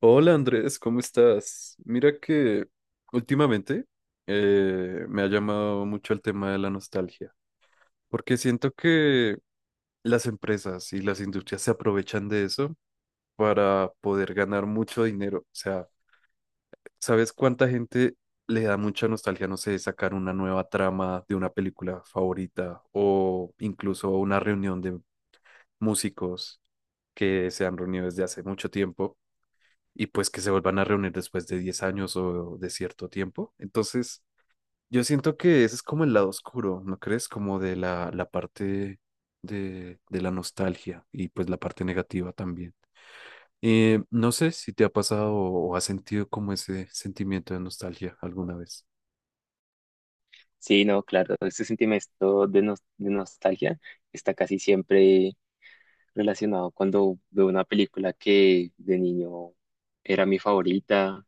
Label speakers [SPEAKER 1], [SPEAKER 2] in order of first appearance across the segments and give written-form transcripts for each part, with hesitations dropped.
[SPEAKER 1] Hola Andrés, ¿cómo estás? Mira que últimamente me ha llamado mucho el tema de la nostalgia, porque siento que las empresas y las industrias se aprovechan de eso para poder ganar mucho dinero. O sea, ¿sabes cuánta gente le da mucha nostalgia, no sé, sacar una nueva trama de una película favorita o incluso una reunión de músicos que se han reunido desde hace mucho tiempo? Y pues que se vuelvan a reunir después de 10 años o de cierto tiempo. Entonces, yo siento que ese es como el lado oscuro, ¿no crees? Como de la parte de la nostalgia y pues la parte negativa también. No sé si te ha pasado o has sentido como ese sentimiento de nostalgia alguna vez.
[SPEAKER 2] Sí, no, claro, ese sentimiento de, de nostalgia está casi siempre relacionado cuando veo una película que de niño era mi favorita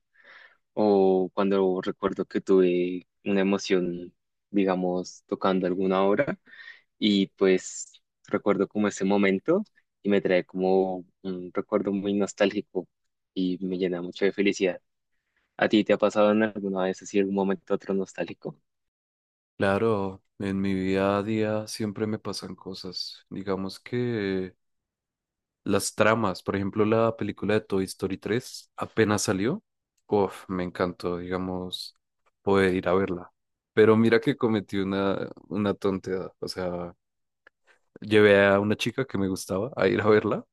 [SPEAKER 2] o cuando recuerdo que tuve una emoción, digamos, tocando alguna obra y pues recuerdo como ese momento y me trae como un recuerdo muy nostálgico y me llena mucho de felicidad. ¿A ti te ha pasado en alguna vez así algún momento otro nostálgico?
[SPEAKER 1] Claro, en mi vida a día siempre me pasan cosas. Digamos que las tramas, por ejemplo, la película de Toy Story 3 apenas salió. Uf, me encantó, digamos, poder ir a verla. Pero mira que cometí una tontería. O sea, llevé a una chica que me gustaba a ir a verla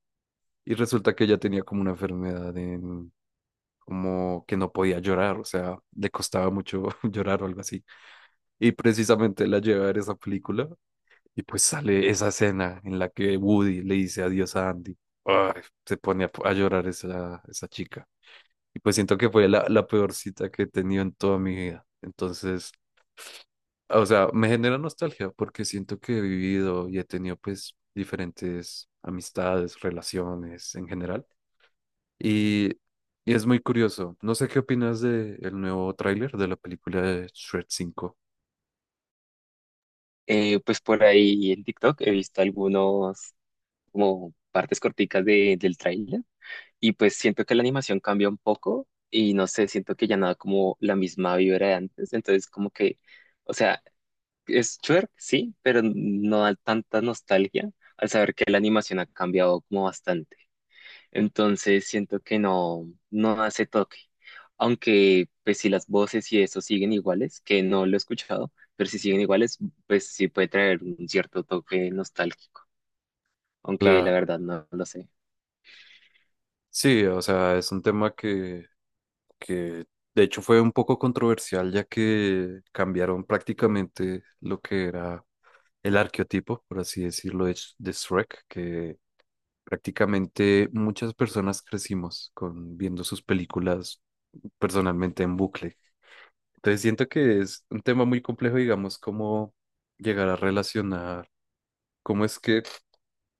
[SPEAKER 1] y resulta que ella tenía como una enfermedad en, como que no podía llorar, o sea, le costaba mucho llorar o algo así. Y precisamente la llevé a ver esa película y pues sale esa escena en la que Woody le dice adiós a Andy. Ay, se pone a llorar esa chica. Y pues siento que fue la peor cita que he tenido en toda mi vida. Entonces, o sea, me genera nostalgia porque siento que he vivido y he tenido pues diferentes amistades, relaciones en general. Y, y es muy curioso. No sé qué opinas de el nuevo tráiler de la película de Shrek 5.
[SPEAKER 2] Pues por ahí en TikTok he visto algunos como partes corticas de, del tráiler y pues siento que la animación cambia un poco y no sé, siento que ya nada como la misma vibra de antes, entonces como que, o sea, es twerk, sí, pero no da tanta nostalgia al saber que la animación ha cambiado como bastante. Entonces siento que no, no hace toque. Aunque, pues si las voces y eso siguen iguales, que no lo he escuchado, pero si siguen iguales, pues sí puede traer un cierto toque nostálgico. Aunque la
[SPEAKER 1] Claro.
[SPEAKER 2] verdad no lo sé.
[SPEAKER 1] Sí, o sea, es un tema que de hecho fue un poco controversial ya que cambiaron prácticamente lo que era el arqueotipo, por así decirlo, de, de Shrek, que prácticamente muchas personas crecimos con viendo sus películas personalmente en bucle. Entonces siento que es un tema muy complejo, digamos, cómo llegar a relacionar cómo es que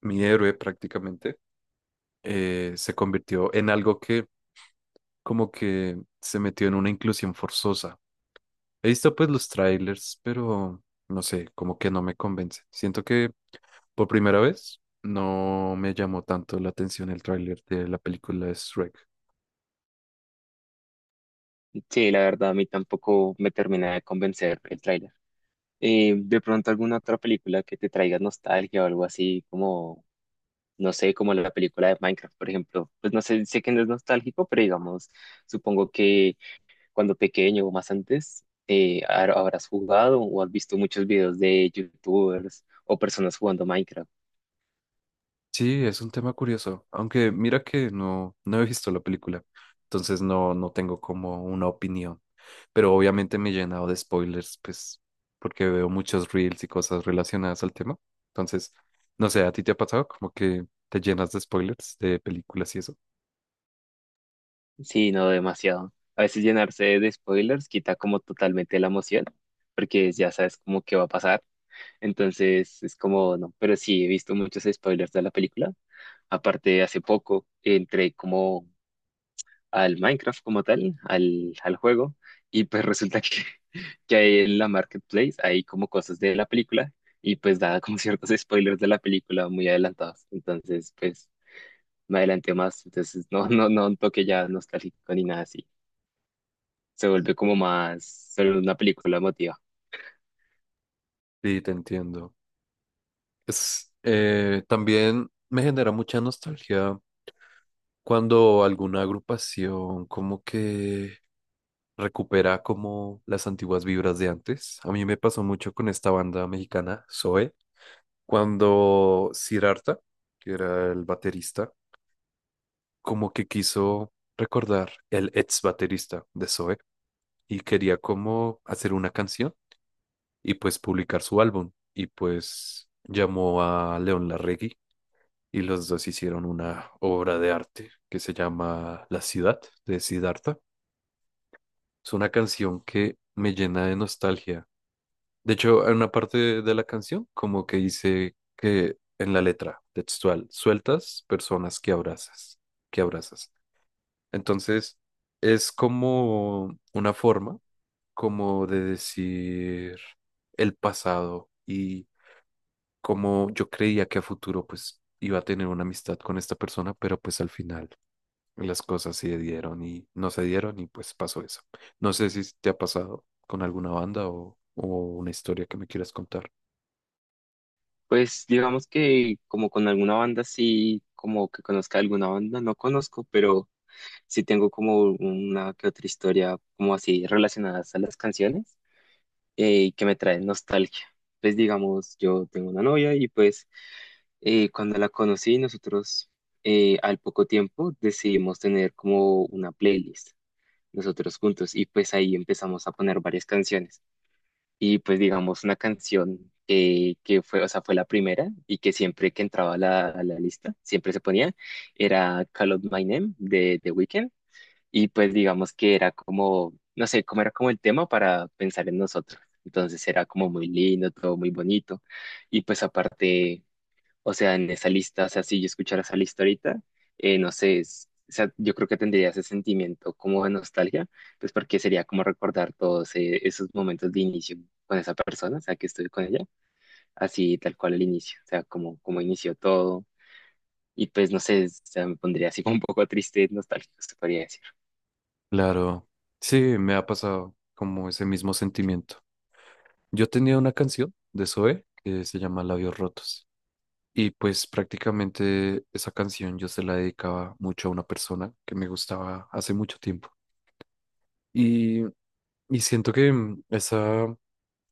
[SPEAKER 1] mi héroe prácticamente se convirtió en algo que como que se metió en una inclusión forzosa. He visto pues los trailers, pero no sé, como que no me convence. Siento que por primera vez no me llamó tanto la atención el tráiler de la película de Shrek.
[SPEAKER 2] Sí, la verdad a mí tampoco me termina de convencer el tráiler. De pronto alguna otra película que te traiga nostalgia o algo así, como, no sé, como la película de Minecraft, por ejemplo. Pues no sé, sé que no es nostálgico, pero digamos, supongo que cuando pequeño o más antes, habrás jugado o has visto muchos videos de YouTubers o personas jugando Minecraft.
[SPEAKER 1] Sí, es un tema curioso, aunque mira que no, no he visto la película, entonces no, no tengo como una opinión, pero obviamente me he llenado de spoilers, pues porque veo muchos reels y cosas relacionadas al tema. Entonces, no sé, ¿a ti te ha pasado como que te llenas de spoilers de películas y eso?
[SPEAKER 2] Sí, no demasiado. A veces llenarse de spoilers quita como totalmente la emoción, porque ya sabes como qué va a pasar. Entonces es como, no, pero sí, he visto muchos spoilers de la película. Aparte, hace poco entré como al Minecraft como tal, al juego, y pues resulta que, que ahí en la marketplace hay como cosas de la película y pues daba como ciertos spoilers de la película muy adelantados. Entonces, pues me adelanté más, entonces no, no, no un toque ya nostálgico ni nada así. Se vuelve como más solo una película emotiva.
[SPEAKER 1] Sí, te entiendo. Es, también me genera mucha nostalgia cuando alguna agrupación como que recupera como las antiguas vibras de antes. A mí me pasó mucho con esta banda mexicana, Zoe, cuando Sirarta, que era el baterista, como que quiso recordar el ex baterista de Zoe y quería como hacer una canción y pues publicar su álbum y pues llamó a León Larregui y los dos hicieron una obra de arte que se llama La ciudad de Siddhartha. Es una canción que me llena de nostalgia. De hecho, en una parte de la canción como que dice que en la letra textual, sueltas personas que abrazas, que abrazas. Entonces, es como una forma como de decir el pasado y como yo creía que a futuro pues iba a tener una amistad con esta persona, pero pues al final las cosas se dieron y no se dieron y pues pasó eso. No sé si te ha pasado con alguna banda o una historia que me quieras contar.
[SPEAKER 2] Pues digamos que como con alguna banda sí, como que conozca alguna banda, no conozco, pero sí tengo como una que otra historia como así relacionadas a las canciones y que me trae nostalgia. Pues digamos, yo tengo una novia y pues cuando la conocí nosotros al poco tiempo decidimos tener como una playlist nosotros juntos y pues ahí empezamos a poner varias canciones y pues digamos una canción que fue, o sea, fue la primera y que siempre que entraba a la lista siempre se ponía era Call Out My Name de The Weeknd y pues digamos que era como, no sé, cómo era como el tema para pensar en nosotros. Entonces era como muy lindo, todo muy bonito. Y pues aparte, o sea, en esa lista, o sea, si yo escuchara esa lista ahorita, no sé, o sea, yo creo que tendría ese sentimiento como de nostalgia, pues porque sería como recordar todos esos momentos de inicio con esa persona, o sea, que estuve con ella, así tal cual el inicio, o sea, como, como inició todo. Y pues no sé, o sea, me pondría así como un poco triste, nostálgico, se podría decir.
[SPEAKER 1] Claro, sí, me ha pasado como ese mismo sentimiento. Yo tenía una canción de Zoe que se llama Labios Rotos y pues prácticamente esa canción yo se la dedicaba mucho a una persona que me gustaba hace mucho tiempo y, y siento que esa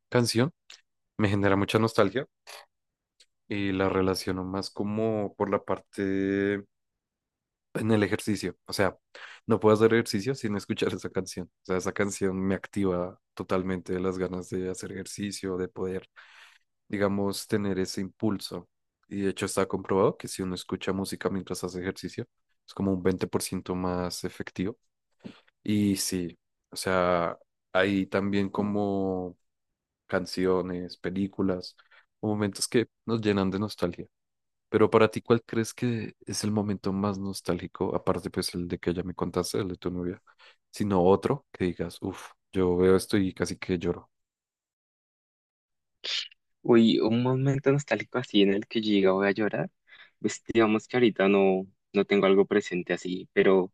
[SPEAKER 1] canción me genera mucha nostalgia y la relaciono más como por la parte en el ejercicio. O sea, no puedo hacer ejercicio sin escuchar esa canción. O sea, esa canción me activa totalmente las ganas de hacer ejercicio, de poder, digamos, tener ese impulso. Y de hecho está comprobado que si uno escucha música mientras hace ejercicio, es como un 20% más efectivo. Y sí, o sea, hay también como canciones, películas, o momentos que nos llenan de nostalgia. Pero para ti, ¿cuál crees que es el momento más nostálgico, aparte pues el de que ya me contaste, el de tu novia, sino otro que digas, uff, yo veo esto y casi que lloro?
[SPEAKER 2] Uy, un momento nostálgico así en el que yo diga voy a llorar, pues digamos que ahorita no, no tengo algo presente así, pero, o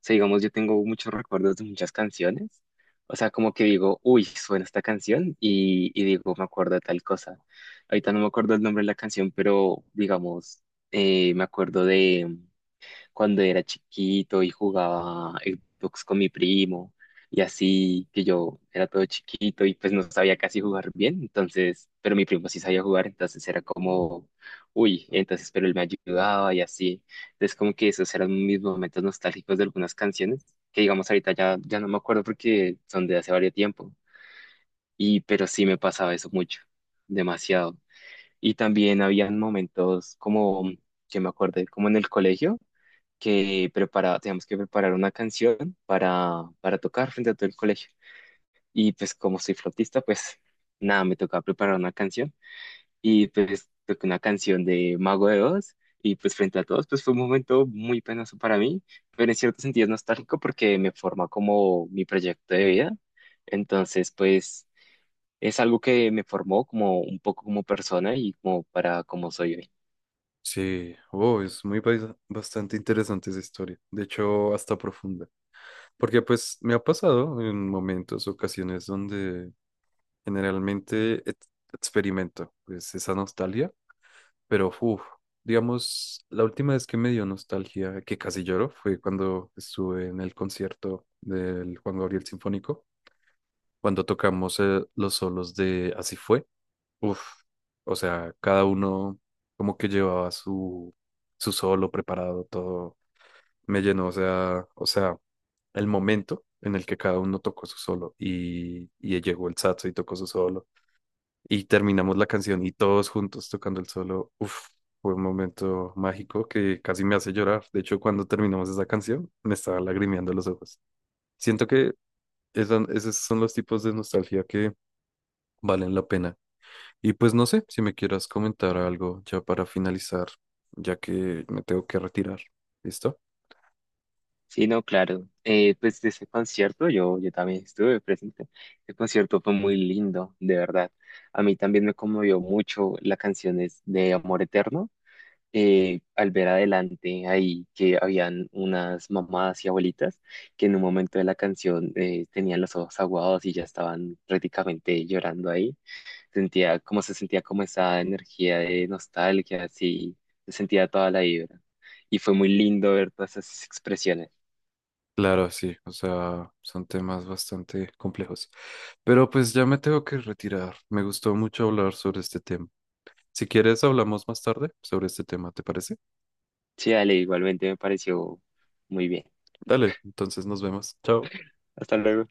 [SPEAKER 2] sea, digamos, yo tengo muchos recuerdos de muchas canciones, o sea, como que digo, uy, suena esta canción y digo, me acuerdo de tal cosa. Ahorita no me acuerdo el nombre de la canción, pero, digamos, me acuerdo cuando era chiquito y jugaba Xbox con mi primo y así que yo era todo chiquito y pues no sabía casi jugar bien, entonces, pero mi primo sí sabía jugar, entonces era como, uy, entonces, pero él me ayudaba y así. Entonces como que esos eran mis momentos nostálgicos de algunas canciones, que digamos ahorita ya no me acuerdo porque son de hace varios tiempo, y pero sí me pasaba eso mucho, demasiado. Y también habían momentos como que me acordé, como en el colegio teníamos que preparar una canción para tocar frente a todo el colegio. Y pues como soy flautista, pues nada, me tocaba preparar una canción y pues toqué una canción de Mago de Oz y pues frente a todos, pues fue un momento muy penoso para mí, pero en cierto sentido es nostálgico porque me forma como mi proyecto de vida. Entonces, pues es algo que me formó como un poco como persona y como para como soy hoy.
[SPEAKER 1] Sí, oh, es muy bastante interesante esa historia, de hecho hasta profunda, porque pues me ha pasado en momentos, ocasiones donde generalmente experimento pues esa nostalgia. Pero, uff, digamos, la última vez que me dio nostalgia, que casi lloro, fue cuando estuve en el concierto del Juan Gabriel Sinfónico, cuando tocamos los solos de Así fue. Uff, o sea, cada uno como que llevaba su solo preparado, todo me llenó, o sea, el momento en el que cada uno tocó su solo y llegó el saxo y tocó su solo y terminamos la canción y todos juntos tocando el solo. Uf, fue un momento mágico que casi me hace llorar. De hecho, cuando terminamos esa canción, me estaba lagrimeando los ojos. Siento que esos son los tipos de nostalgia que valen la pena. Y pues no sé si me quieras comentar algo ya para finalizar, ya que me tengo que retirar. ¿Listo?
[SPEAKER 2] Sí, no, claro. Pues de ese concierto yo también estuve presente. El concierto fue muy lindo, de verdad. A mí también me conmovió mucho la canción es de Amor Eterno. Al ver adelante ahí que habían unas mamás y abuelitas que en un momento de la canción tenían los ojos aguados y ya estaban prácticamente llorando ahí. Sentía como se sentía como esa energía de nostalgia, así, se sentía toda la vibra. Y fue muy lindo ver todas esas expresiones.
[SPEAKER 1] Claro, sí, o sea, son temas bastante complejos. Pero pues ya me tengo que retirar. Me gustó mucho hablar sobre este tema. Si quieres, hablamos más tarde sobre este tema, ¿te parece?
[SPEAKER 2] Sí, dale, igualmente me pareció muy bien.
[SPEAKER 1] Dale, entonces nos vemos. Chao.
[SPEAKER 2] Hasta luego.